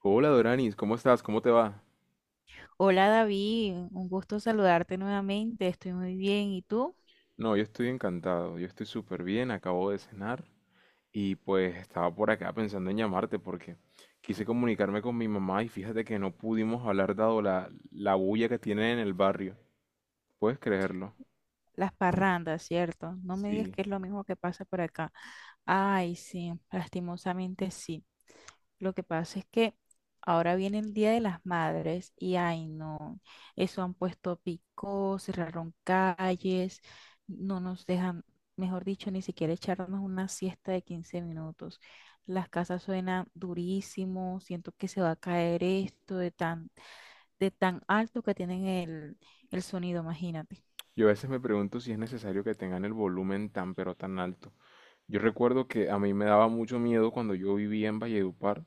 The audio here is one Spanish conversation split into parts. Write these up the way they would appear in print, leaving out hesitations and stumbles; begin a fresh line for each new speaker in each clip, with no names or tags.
Hola Doranis, ¿cómo estás? ¿Cómo te va?
Hola David, un gusto saludarte nuevamente. Estoy muy bien, ¿y tú?
No, yo estoy encantado, yo estoy súper bien, acabo de cenar y pues estaba por acá pensando en llamarte porque quise comunicarme con mi mamá y fíjate que no pudimos hablar dado la bulla que tienen en el barrio. ¿Puedes creerlo?
Las parrandas, ¿cierto? No me digas
Sí.
que es lo mismo que pasa por acá. Ay, sí, lastimosamente sí. Lo que pasa es que ahora viene el Día de las Madres y, ay, no, eso han puesto picos, cerraron calles, no nos dejan, mejor dicho, ni siquiera echarnos una siesta de 15 minutos. Las casas suenan durísimo, siento que se va a caer esto de tan alto que tienen el sonido, imagínate.
Yo a veces me pregunto si es necesario que tengan el volumen tan pero tan alto. Yo recuerdo que a mí me daba mucho miedo cuando yo vivía en Valledupar.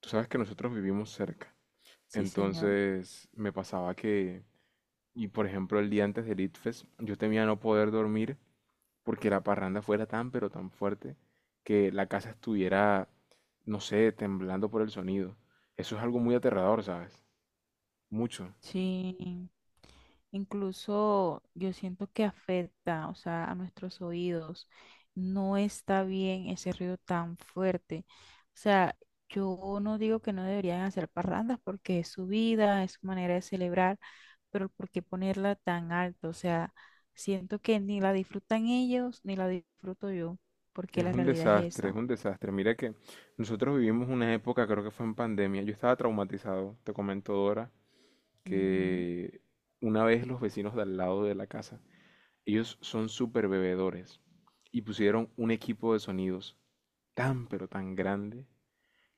Tú sabes que nosotros vivimos cerca.
Sí, señor.
Entonces me pasaba que. Y por ejemplo, el día antes del ITFES, yo temía no poder dormir porque la parranda fuera tan, pero tan fuerte que la casa estuviera, no sé, temblando por el sonido. Eso es algo muy aterrador, ¿sabes? Mucho.
Sí, incluso yo siento que afecta, o sea, a nuestros oídos. No está bien ese ruido tan fuerte. O sea, yo no digo que no deberían hacer parrandas porque es su vida, es su manera de celebrar, pero ¿por qué ponerla tan alto? O sea, siento que ni la disfrutan ellos ni la disfruto yo, porque
Es
la
un
realidad es
desastre, es
esa.
un desastre. Mira que nosotros vivimos una época, creo que fue en pandemia. Yo estaba traumatizado, te comento, Dora,
Ujú.
que una vez los vecinos de al lado de la casa, ellos son súper bebedores y pusieron un equipo de sonidos tan, pero tan grande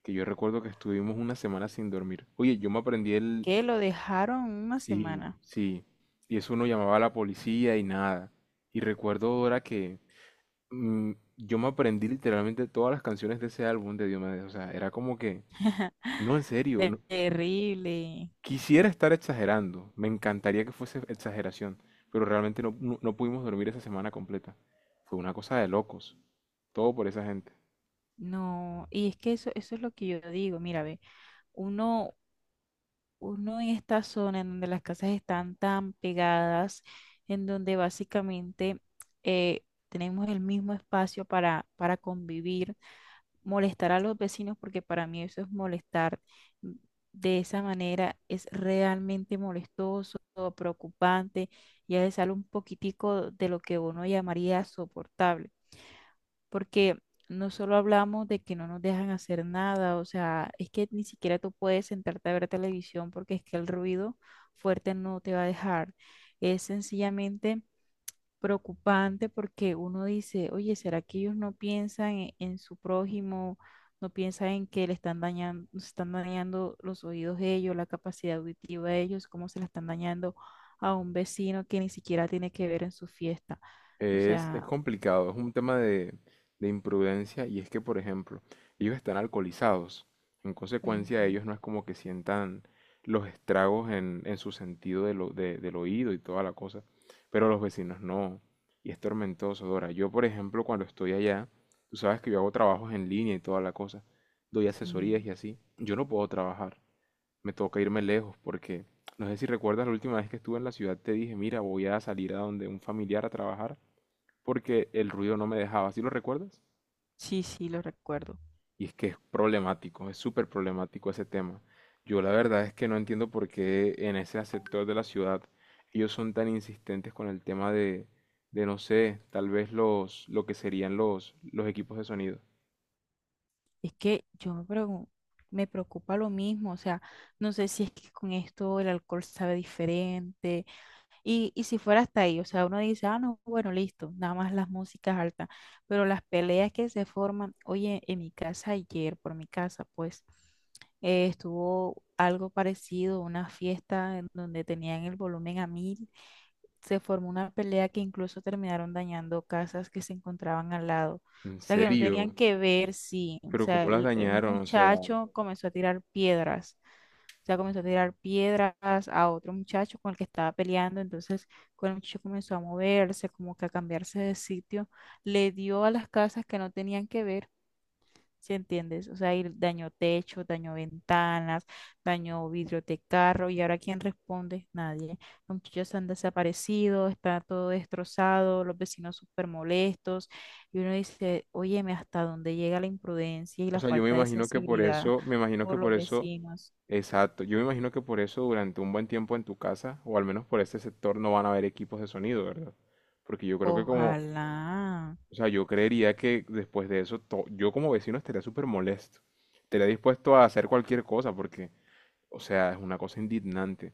que yo recuerdo que estuvimos una semana sin dormir. Oye, yo me aprendí el...
Que lo dejaron una
Sí,
semana.
sí. Y eso uno llamaba a la policía y nada. Y recuerdo ahora que mm, yo me aprendí literalmente todas las canciones de ese álbum de Diomedes. O sea, era como que, no, en serio,
Terrible.
quisiera estar exagerando. Me encantaría que fuese exageración. Pero realmente no, no pudimos dormir esa semana completa. Fue una cosa de locos. Todo por esa gente.
No, y es que eso es lo que yo digo. Mira, ve, uno, uno en esta zona en donde las casas están tan pegadas, en donde básicamente tenemos el mismo espacio para convivir, molestar a los vecinos, porque para mí eso es molestar mm, de esa manera. Es realmente molestoso, preocupante. Ya le sale un poquitico de lo que uno llamaría soportable, porque no solo hablamos de que no nos dejan hacer nada. O sea, es que ni siquiera tú puedes sentarte a ver televisión porque es que el ruido fuerte no te va a dejar. Es sencillamente preocupante, porque uno dice, oye, ¿será que ellos no piensan en su prójimo? No piensan en que le están dañando los oídos de ellos, la capacidad auditiva de ellos, cómo se la están dañando a un vecino que ni siquiera tiene que ver en su fiesta. O
Es
sea,
complicado, es un tema de imprudencia y es que, por ejemplo, ellos están alcoholizados. En consecuencia,
ujú,
ellos no es como que sientan los estragos en su sentido de del oído y toda la cosa, pero los vecinos no. Y es tormentoso, Dora. Yo, por ejemplo, cuando estoy allá, tú sabes que yo hago trabajos en línea y toda la cosa, doy
sí,
asesorías y así. Yo no puedo trabajar, me toca irme lejos porque, no sé si recuerdas la última vez que estuve en la ciudad, te dije, mira, voy a salir a donde un familiar a trabajar porque el ruido no me dejaba, ¿sí lo recuerdas?
sí, sí, lo recuerdo.
Y es que es problemático, es súper problemático ese tema. Yo la verdad es que no entiendo por qué en ese sector de la ciudad ellos son tan insistentes con el tema de no sé, tal vez lo que serían los equipos de sonido.
Es que me preocupa lo mismo. O sea, no sé si es que con esto el alcohol sabe diferente. Y si fuera hasta ahí, o sea, uno dice, ah, no, bueno, listo, nada más las músicas altas, pero las peleas que se forman, oye, en mi casa ayer, por mi casa, pues estuvo algo parecido, una fiesta en donde tenían el volumen a mil, se formó una pelea que incluso terminaron dañando casas que se encontraban al lado, o
¿En
sea, que no tenían
serio?
que ver. Sí, o
Pero
sea,
cómo las
un
dañaron, o sea.
muchacho comenzó a tirar piedras, sea, comenzó a tirar piedras a otro muchacho con el que estaba peleando. Entonces, cuando el muchacho comenzó a moverse, como que a cambiarse de sitio, le dio a las casas que no tenían que ver, ¿sí entiendes? O sea, y dañó techo, dañó ventanas, dañó vidrio de carro. ¿Y ahora quién responde? Nadie. Los muchachos han desaparecido, está todo destrozado, los vecinos súper molestos. Y uno dice, óyeme, ¿hasta dónde llega la imprudencia y
O
la
sea, yo me
falta de
imagino que por
sensibilidad
eso, me imagino que
por
por
los
eso,
vecinos?
exacto, yo me imagino que por eso durante un buen tiempo en tu casa, o al menos por este sector, no van a haber equipos de sonido, ¿verdad? Porque yo creo que como...
Ojalá,
O sea, yo creería que después de eso, yo como vecino estaría súper molesto. Estaría dispuesto a hacer cualquier cosa porque, o sea, es una cosa indignante.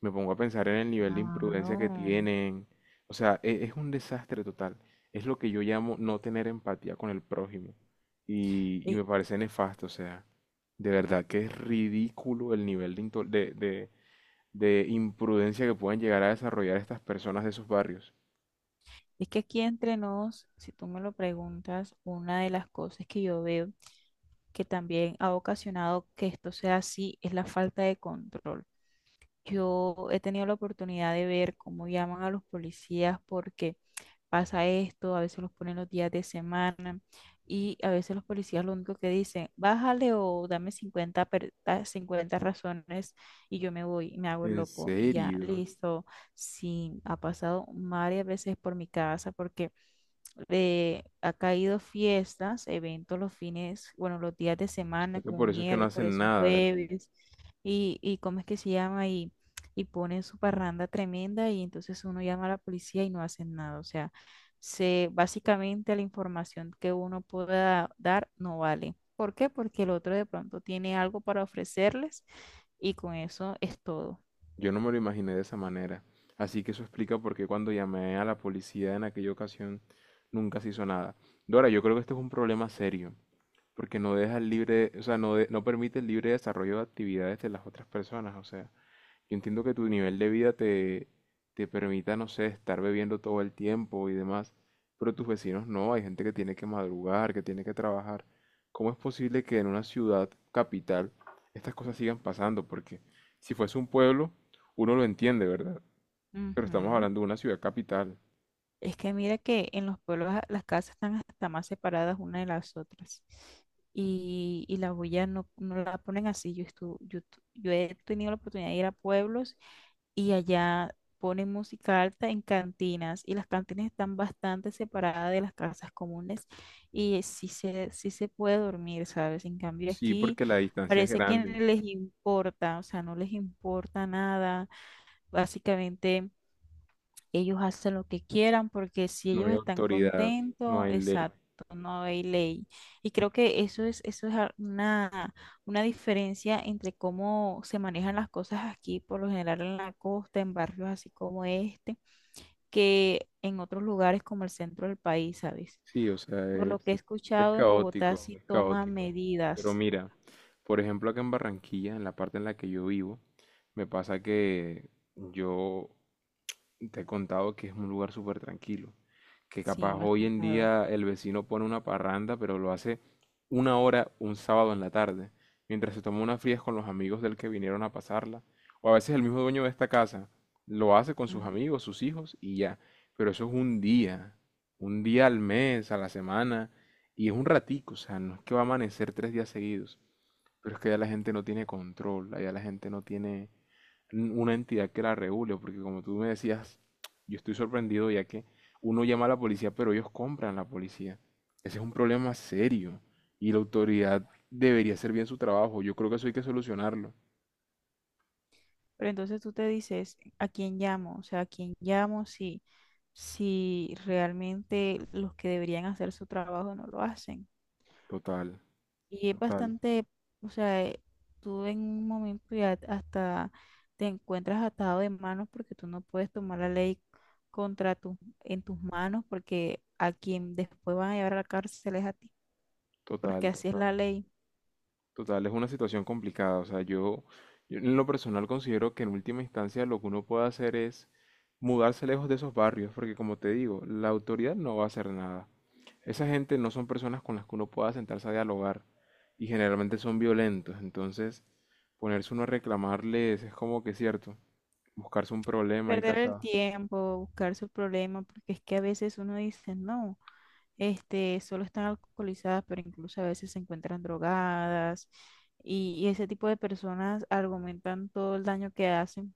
Me pongo a pensar en el nivel de imprudencia que
claro.
tienen. O sea, es un desastre total. Es lo que yo llamo no tener empatía con el prójimo. Y
Y-
me parece nefasto, o sea, de verdad que es ridículo el nivel de, de imprudencia que pueden llegar a desarrollar estas personas de esos barrios.
es que aquí entre nos, si tú me lo preguntas, una de las cosas que yo veo que también ha ocasionado que esto sea así es la falta de control. Yo he tenido la oportunidad de ver cómo llaman a los policías porque pasa esto. A veces los ponen los días de semana, y a veces los policías lo único que dicen, bájale, o dame 50 da 50 razones y yo me voy, y me hago el
En
loco y ya,
serio.
listo. Sí, ha pasado varias veces por mi casa porque ha caído fiestas, eventos los fines, bueno, los días de
Sea
semana,
que
como
por
un
eso es que no hacen
miércoles, un
nada, ¿verdad?
jueves y cómo es que se llama, y ponen su parranda tremenda y entonces uno llama a la policía y no hacen nada. O sea, se, básicamente la información que uno pueda dar no vale. ¿Por qué? Porque el otro de pronto tiene algo para ofrecerles, y con eso es todo.
Yo no me lo imaginé de esa manera. Así que eso explica por qué cuando llamé a la policía en aquella ocasión nunca se hizo nada. Dora, yo creo que este es un problema serio, porque no deja el libre, o sea, no, no permite el libre desarrollo de actividades de las otras personas. O sea, yo entiendo que tu nivel de vida te, te permita, no sé, estar bebiendo todo el tiempo y demás, pero tus vecinos no, hay gente que tiene que madrugar, que tiene que trabajar. ¿Cómo es posible que en una ciudad capital estas cosas sigan pasando? Porque si fuese un pueblo, uno lo entiende, ¿verdad? Pero estamos
Ujú.
hablando de una ciudad capital.
Es que mira que en los pueblos las casas están hasta más separadas una de las otras, y la bulla no, no la ponen así. Yo, estu- yo, tu- yo he tenido la oportunidad de ir a pueblos y allá ponen música alta en cantinas, y las cantinas están bastante separadas de las casas comunes, y sí se puede dormir, ¿sabes? En cambio
Sí,
aquí
porque la distancia es
parece que
grande,
no les importa. O sea, no les importa nada. Básicamente... ellos hacen lo que quieran porque si
no hay
ellos están
autoridad, no
contentos,
hay ley.
exacto, no hay ley. Y creo que eso es, una diferencia entre cómo se manejan las cosas aquí, por lo general en la costa, en barrios así como este, que en otros lugares como el centro del país, ¿sabes?
Sí, o sea,
Por lo que he
es
escuchado, en Bogotá
caótico,
sí
es
toman
caótico. Pero
medidas.
mira, por ejemplo, acá en Barranquilla, en la parte en la que yo vivo, me pasa que yo te he contado que es un lugar súper tranquilo, que
Sí,
capaz
me has
hoy en
contado.
día el vecino pone una parranda, pero lo hace una hora un sábado en la tarde, mientras se toma unas frías con los amigos del que vinieron a pasarla, o a veces el mismo dueño de esta casa lo hace con sus amigos, sus hijos y ya, pero eso es un día al mes, a la semana, y es un ratico, o sea, no es que va a amanecer tres días seguidos, pero es que ya la gente no tiene control, ya la gente no tiene una entidad que la regule, porque como tú me decías, yo estoy sorprendido ya que uno llama a la policía, pero ellos compran la policía. Ese es un problema serio y la autoridad debería hacer bien su trabajo. Yo creo que eso hay que solucionarlo.
Pero entonces tú te dices, ¿a quién llamo? O sea, ¿a quién llamo si realmente los que deberían hacer su trabajo no lo hacen?
Total,
Y es
total,
bastante, o sea, tú en un momento ya hasta te encuentras atado de manos porque tú no puedes tomar la ley contra tus, en tus manos, porque a quien después van a llevar a la cárcel es a ti, porque
total,
así es
total.
la ley.
Total, es una situación complicada. O sea, yo en lo personal considero que en última instancia lo que uno puede hacer es mudarse lejos de esos barrios, porque como te digo, la autoridad no va a hacer nada. Esa gente no son personas con las que uno pueda sentarse a dialogar y generalmente son violentos. Entonces, ponerse uno a reclamarles es como que cierto, buscarse un problema y
Perder el
casa...
tiempo, buscar su problema, porque es que a veces uno dice, no. Este, solo están alcoholizadas, pero incluso a veces se encuentran drogadas. Y ese tipo de personas argumentan todo el daño que hacen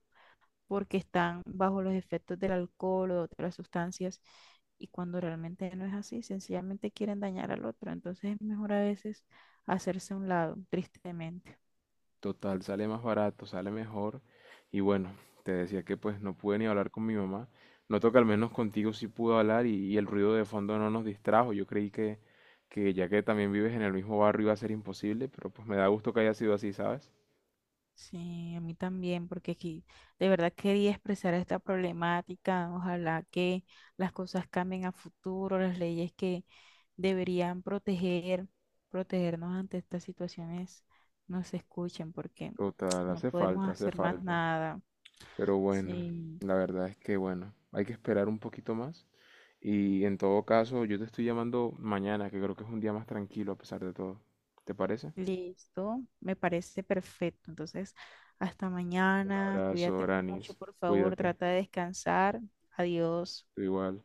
porque están bajo los efectos del alcohol o de otras sustancias. Y cuando realmente no es así, sencillamente quieren dañar al otro. Entonces es mejor a veces hacerse a un lado, tristemente.
Total, sale más barato, sale mejor. Y bueno, te decía que pues no pude ni hablar con mi mamá. Noto que al menos contigo sí pude hablar y el ruido de fondo no nos distrajo. Yo creí que ya que también vives en el mismo barrio iba a ser imposible, pero pues me da gusto que haya sido así, ¿sabes?
Sí, a mí también, porque aquí de verdad quería expresar esta problemática. Ojalá que las cosas cambien a futuro, las leyes que deberían proteger, protegernos ante estas situaciones, no se escuchen, porque
Total,
no
hace
podemos
falta, hace
hacer más
falta.
nada.
Pero bueno,
Sí,
la verdad es que bueno, hay que esperar un poquito más. Y en todo caso, yo te estoy llamando mañana, que creo que es un día más tranquilo a pesar de todo. ¿Te parece?
listo, me parece perfecto. Entonces, hasta
Un
mañana,
abrazo,
cuídate mucho,
Granis.
por favor,
Cuídate.
trata de descansar. Adiós.
Tú igual.